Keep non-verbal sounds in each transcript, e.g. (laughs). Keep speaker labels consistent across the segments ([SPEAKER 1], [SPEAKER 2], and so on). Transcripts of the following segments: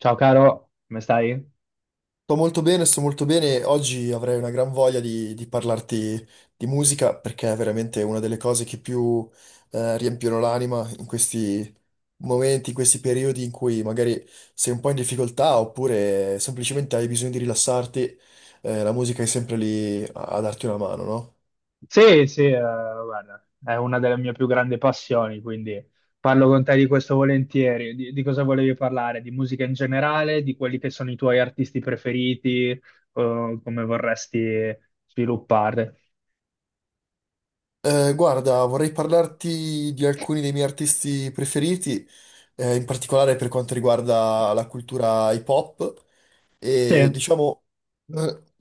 [SPEAKER 1] Ciao caro, come stai?
[SPEAKER 2] Sto molto bene, sto molto bene. Oggi avrei una gran voglia di parlarti di musica perché è veramente una delle cose che più riempiono l'anima in questi momenti, in questi periodi in cui magari sei un po' in difficoltà oppure semplicemente hai bisogno di rilassarti. Eh, la musica è sempre lì a darti una mano, no?
[SPEAKER 1] Sì, sì, guarda, è una delle mie più grandi passioni, quindi parlo con te di questo volentieri. Di cosa volevi parlare? Di musica in generale, di quelli che sono i tuoi artisti preferiti, come vorresti sviluppare?
[SPEAKER 2] Guarda, vorrei parlarti di alcuni dei miei artisti preferiti, in particolare per quanto riguarda la cultura hip hop. E
[SPEAKER 1] Sì.
[SPEAKER 2] diciamo,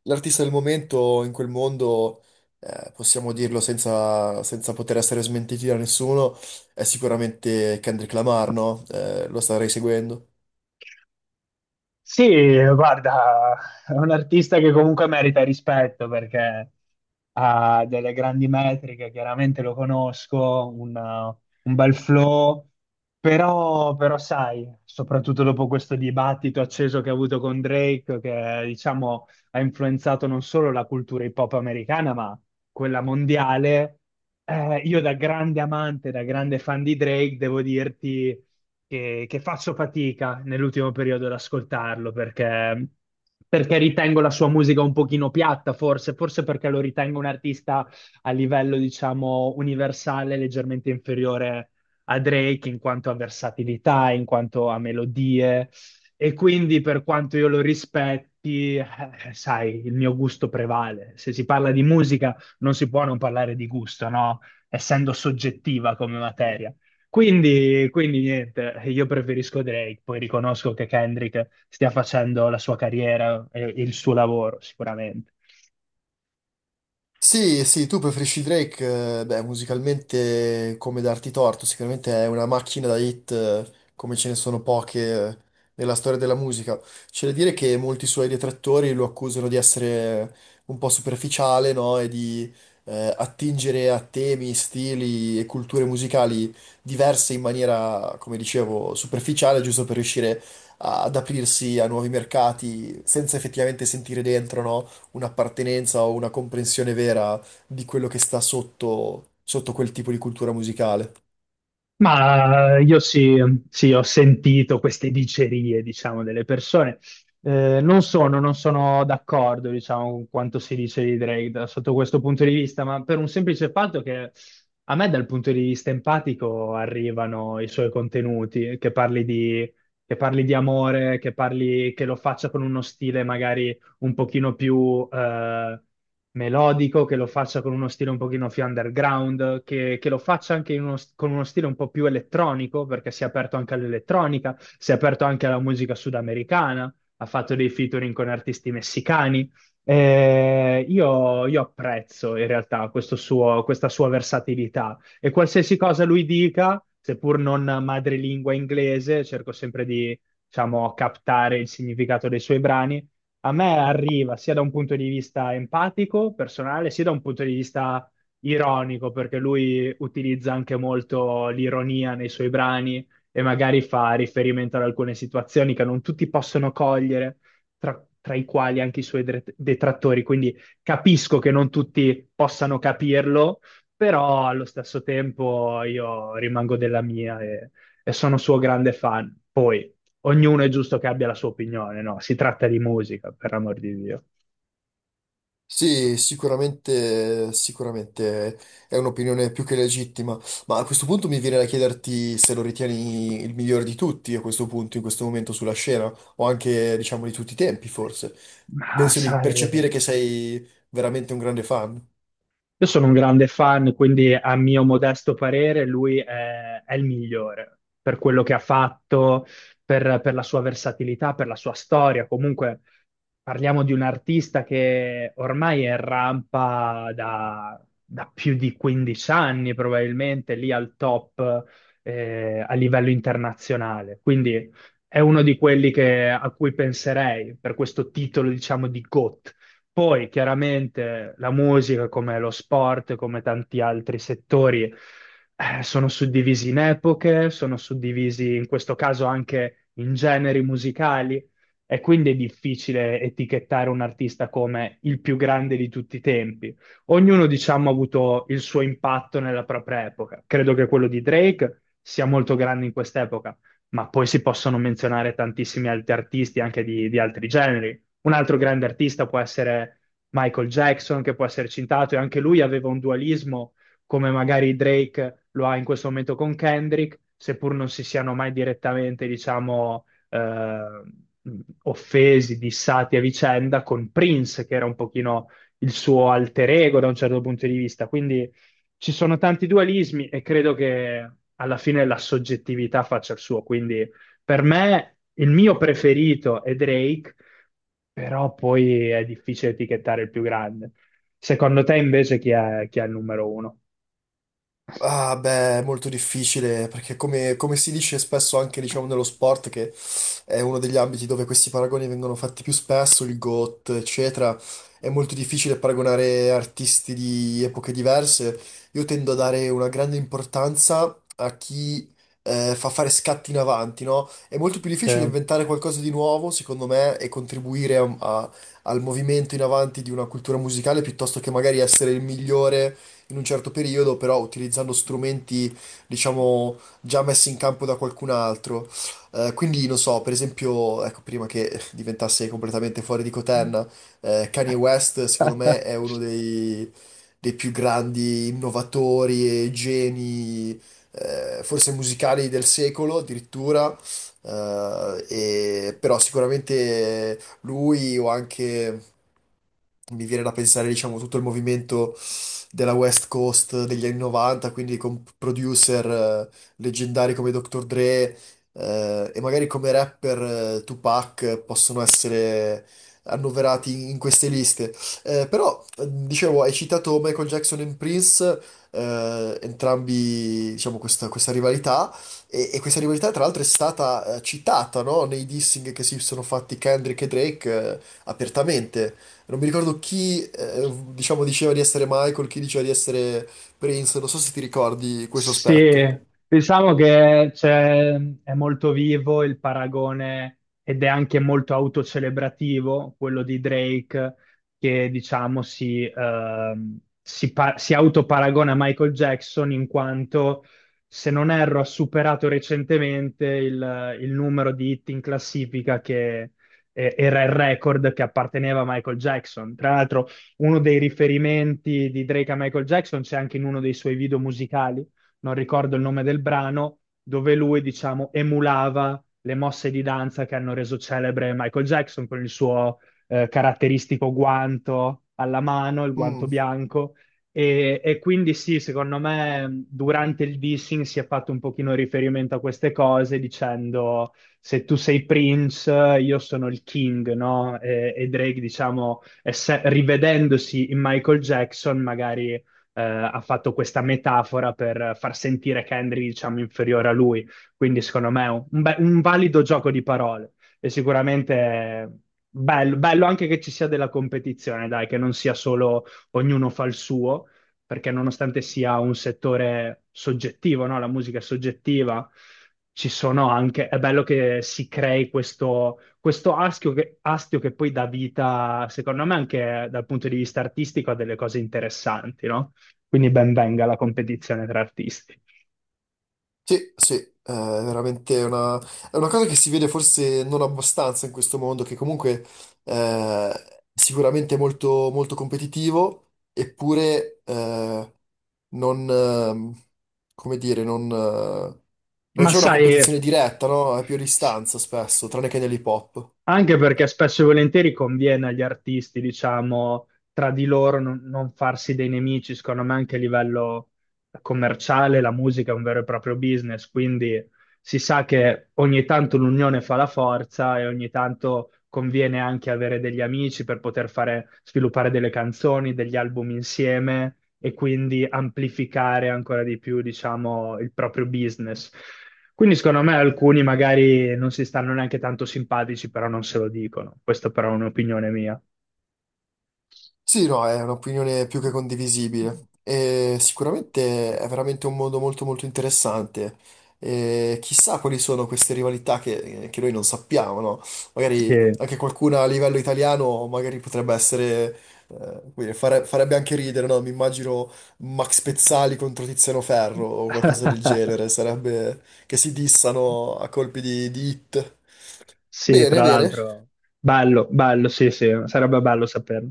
[SPEAKER 2] l'artista del momento in quel mondo, possiamo dirlo senza poter essere smentiti da nessuno, è sicuramente Kendrick Lamar, no? Lo starei seguendo.
[SPEAKER 1] Sì, guarda, è un artista che comunque merita rispetto perché ha delle grandi metriche, chiaramente lo conosco, un bel flow, però sai, soprattutto dopo questo dibattito acceso che ha avuto con Drake, che diciamo ha influenzato non solo la cultura hip hop americana, ma quella mondiale, io da grande amante, da grande fan di Drake, devo dirti che faccio fatica nell'ultimo periodo ad ascoltarlo perché ritengo la sua musica un pochino piatta, forse, forse perché lo ritengo un artista a livello, diciamo, universale, leggermente inferiore a Drake in quanto a versatilità, in quanto a melodie. E quindi, per quanto io lo rispetti, sai, il mio gusto prevale. Se si parla di musica, non si può non parlare di gusto, no? Essendo soggettiva come materia. Quindi niente, io preferisco Drake, poi riconosco che Kendrick stia facendo la sua carriera e il suo lavoro, sicuramente.
[SPEAKER 2] Sì, sì, tu preferisci Drake, beh, musicalmente come darti torto, sicuramente è una macchina da hit come ce ne sono poche nella storia della musica. C'è da dire che molti suoi detrattori lo accusano di essere un po' superficiale, no? E di attingere a temi, stili e culture musicali diverse in maniera, come dicevo, superficiale, giusto per riuscire ad aprirsi a nuovi mercati senza effettivamente sentire dentro, no? Un'appartenenza o una comprensione vera di quello che sta sotto quel tipo di cultura musicale.
[SPEAKER 1] Ma io sì, sì, ho sentito queste dicerie, diciamo, delle persone. Non sono d'accordo, diciamo, con quanto si dice di Drake da- sotto questo punto di vista, ma per un semplice fatto che a me dal punto di vista empatico arrivano i suoi contenuti, che parli di amore, che parli, che lo faccia con uno stile magari un pochino più melodico, che lo faccia con uno stile un pochino più underground, che lo faccia anche in uno- con uno stile un po' più elettronico, perché si è aperto anche all'elettronica, si è aperto anche alla musica sudamericana, ha fatto dei featuring con artisti messicani. Io apprezzo in realtà questo suo- questa sua versatilità e qualsiasi cosa lui dica, seppur non madrelingua inglese, cerco sempre di, diciamo, captare il significato dei suoi brani a me arriva sia da un punto di vista empatico, personale, sia da un punto di vista ironico, perché lui utilizza anche molto l'ironia nei suoi brani e magari fa riferimento ad alcune situazioni che non tutti possono cogliere, tra i quali anche i suoi dre- detrattori. Quindi capisco che non tutti possano capirlo, però allo stesso tempo io rimango della mia e sono suo grande fan. Poi ognuno è giusto che abbia la sua opinione, no? Si tratta di musica, per amor di Dio.
[SPEAKER 2] Sì, sicuramente, sicuramente è un'opinione più che legittima, ma a questo punto mi viene da chiederti se lo ritieni il migliore di tutti a questo punto, in questo momento sulla scena, o anche, diciamo, di tutti i tempi, forse.
[SPEAKER 1] Ma
[SPEAKER 2] Penso di
[SPEAKER 1] sai,
[SPEAKER 2] percepire che sei veramente un grande fan.
[SPEAKER 1] io sono un grande fan, quindi a mio modesto parere è il migliore per quello che ha fatto, per la sua versatilità, per la sua storia. Comunque parliamo di un artista che ormai è in rampa da più di 15 anni, probabilmente lì al top a livello internazionale. Quindi è uno di quelli che- a cui penserei per questo titolo, diciamo, di GOAT. Poi chiaramente la musica, come lo sport, come tanti altri settori, sono suddivisi in epoche, sono suddivisi in questo caso anche in generi musicali e quindi è difficile etichettare un artista come il più grande di tutti i tempi. Ognuno, diciamo, ha avuto il suo impatto nella propria epoca. Credo che quello di Drake sia molto grande in quest'epoca ma poi si possono menzionare tantissimi altri artisti anche di altri generi. Un altro grande artista può essere Michael Jackson, che può essere citato, e anche lui aveva un dualismo, come magari Drake lo ha in questo momento con Kendrick, seppur non si siano mai direttamente, diciamo, offesi, dissati a vicenda, con Prince, che era un pochino il suo alter ego da un certo punto di vista. Quindi ci sono tanti dualismi e credo che alla fine la soggettività faccia il suo, quindi per me il mio preferito è Drake, però poi è difficile etichettare il più grande. Secondo te invece chi è il numero uno?
[SPEAKER 2] Ah, beh, è molto difficile, perché come, come si dice spesso anche, diciamo, nello sport, che è uno degli ambiti dove questi paragoni vengono fatti più spesso, il GOT, eccetera. È molto difficile paragonare artisti di epoche diverse. Io tendo a dare una grande importanza a chi fa fare scatti in avanti, no? È molto più difficile
[SPEAKER 1] Sì.
[SPEAKER 2] inventare qualcosa di nuovo, secondo me, e contribuire al movimento in avanti di una cultura musicale piuttosto che magari essere il migliore in un certo periodo, però utilizzando strumenti, diciamo, già messi in campo da qualcun altro. Quindi non so, per esempio, ecco, prima che diventasse completamente fuori di coterna, Kanye West, secondo
[SPEAKER 1] (laughs)
[SPEAKER 2] me, è uno dei più grandi innovatori e geni, forse musicali del secolo addirittura. Però sicuramente lui o anche mi viene da pensare, diciamo, tutto il movimento della West Coast degli anni 90, quindi con producer leggendari come Dr. Dre e magari come rapper Tupac possono essere annoverati in queste liste. Però, dicevo, hai citato Michael Jackson e Prince, entrambi, diciamo, questa rivalità, e questa rivalità tra l'altro è stata citata, no? Nei dissing che si sono fatti Kendrick e Drake apertamente. Non mi ricordo chi, diciamo, diceva di essere Michael, chi diceva di essere Prince, non so se ti ricordi questo aspetto.
[SPEAKER 1] Sì, diciamo che c'è- è molto vivo il paragone ed è anche molto autocelebrativo quello di Drake che diciamo si, si, pa- si autoparagona a Michael Jackson in quanto, se non erro, ha superato recentemente il numero di hit in classifica che era il record che apparteneva a Michael Jackson. Tra l'altro uno dei riferimenti di Drake a Michael Jackson c'è anche in uno dei suoi video musicali non ricordo il nome del brano, dove lui, diciamo, emulava le mosse di danza che hanno reso celebre Michael Jackson con il suo caratteristico guanto alla mano, il guanto
[SPEAKER 2] Mm.
[SPEAKER 1] bianco. E quindi sì, secondo me durante il dissing si è fatto un pochino riferimento a queste cose dicendo se tu sei Prince, io sono il King, no? E Drake, diciamo, esse- rivedendosi in Michael Jackson, magari ha fatto questa metafora per far sentire Henry, diciamo, inferiore a lui. Quindi, secondo me, è un be- un valido gioco di parole. E sicuramente bello, bello anche che ci sia della competizione, dai, che non sia solo ognuno fa il suo, perché nonostante sia un settore soggettivo, no? La musica è soggettiva. Ci sono anche, è bello che si crei questo, questo astio astio che poi dà vita, secondo me, anche dal punto di vista artistico, a delle cose interessanti, no? Quindi ben venga la competizione tra artisti.
[SPEAKER 2] Sì, sì, è veramente una, è una cosa che si vede forse non abbastanza in questo mondo, che comunque eh, sicuramente è molto, molto competitivo, eppure non, come dire, non
[SPEAKER 1] Ma
[SPEAKER 2] c'è una
[SPEAKER 1] sai,
[SPEAKER 2] competizione diretta, no? È più a
[SPEAKER 1] s-
[SPEAKER 2] distanza spesso, tranne che nell'hip hop.
[SPEAKER 1] anche perché spesso e volentieri conviene agli artisti, diciamo, tra di loro non farsi dei nemici, secondo me anche a livello commerciale la musica è un vero e proprio business, quindi si sa che ogni tanto l'unione fa la forza e ogni tanto conviene anche avere degli amici per poter fare, sviluppare delle canzoni, degli album insieme e quindi amplificare ancora di più, diciamo, il proprio business. Quindi secondo me alcuni magari non si stanno neanche tanto simpatici, però non se lo dicono. Questa però è un'opinione mia.
[SPEAKER 2] Sì, no, è un'opinione più che condivisibile e sicuramente è veramente un mondo molto molto interessante. E chissà quali sono queste rivalità che noi non sappiamo, no?
[SPEAKER 1] Sì.
[SPEAKER 2] Magari anche qualcuna a livello italiano magari potrebbe essere, come dire, farebbe anche ridere, no? Mi immagino Max Pezzali contro Tiziano Ferro o qualcosa del
[SPEAKER 1] (laughs)
[SPEAKER 2] genere, sarebbe che si dissano a colpi di hit.
[SPEAKER 1] Sì,
[SPEAKER 2] Bene,
[SPEAKER 1] tra
[SPEAKER 2] bene.
[SPEAKER 1] l'altro, bello, bello, sì, sì, sarebbe bello saperlo.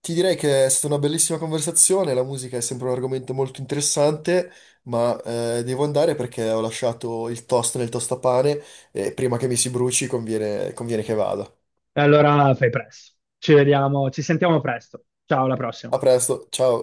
[SPEAKER 2] Ti direi che è stata una bellissima conversazione, la musica è sempre un argomento molto interessante, ma devo andare perché ho lasciato il toast nel tostapane e prima che mi si bruci conviene che vada.
[SPEAKER 1] E allora fai presto. Ci vediamo, ci sentiamo presto. Ciao, alla prossima.
[SPEAKER 2] A presto, ciao!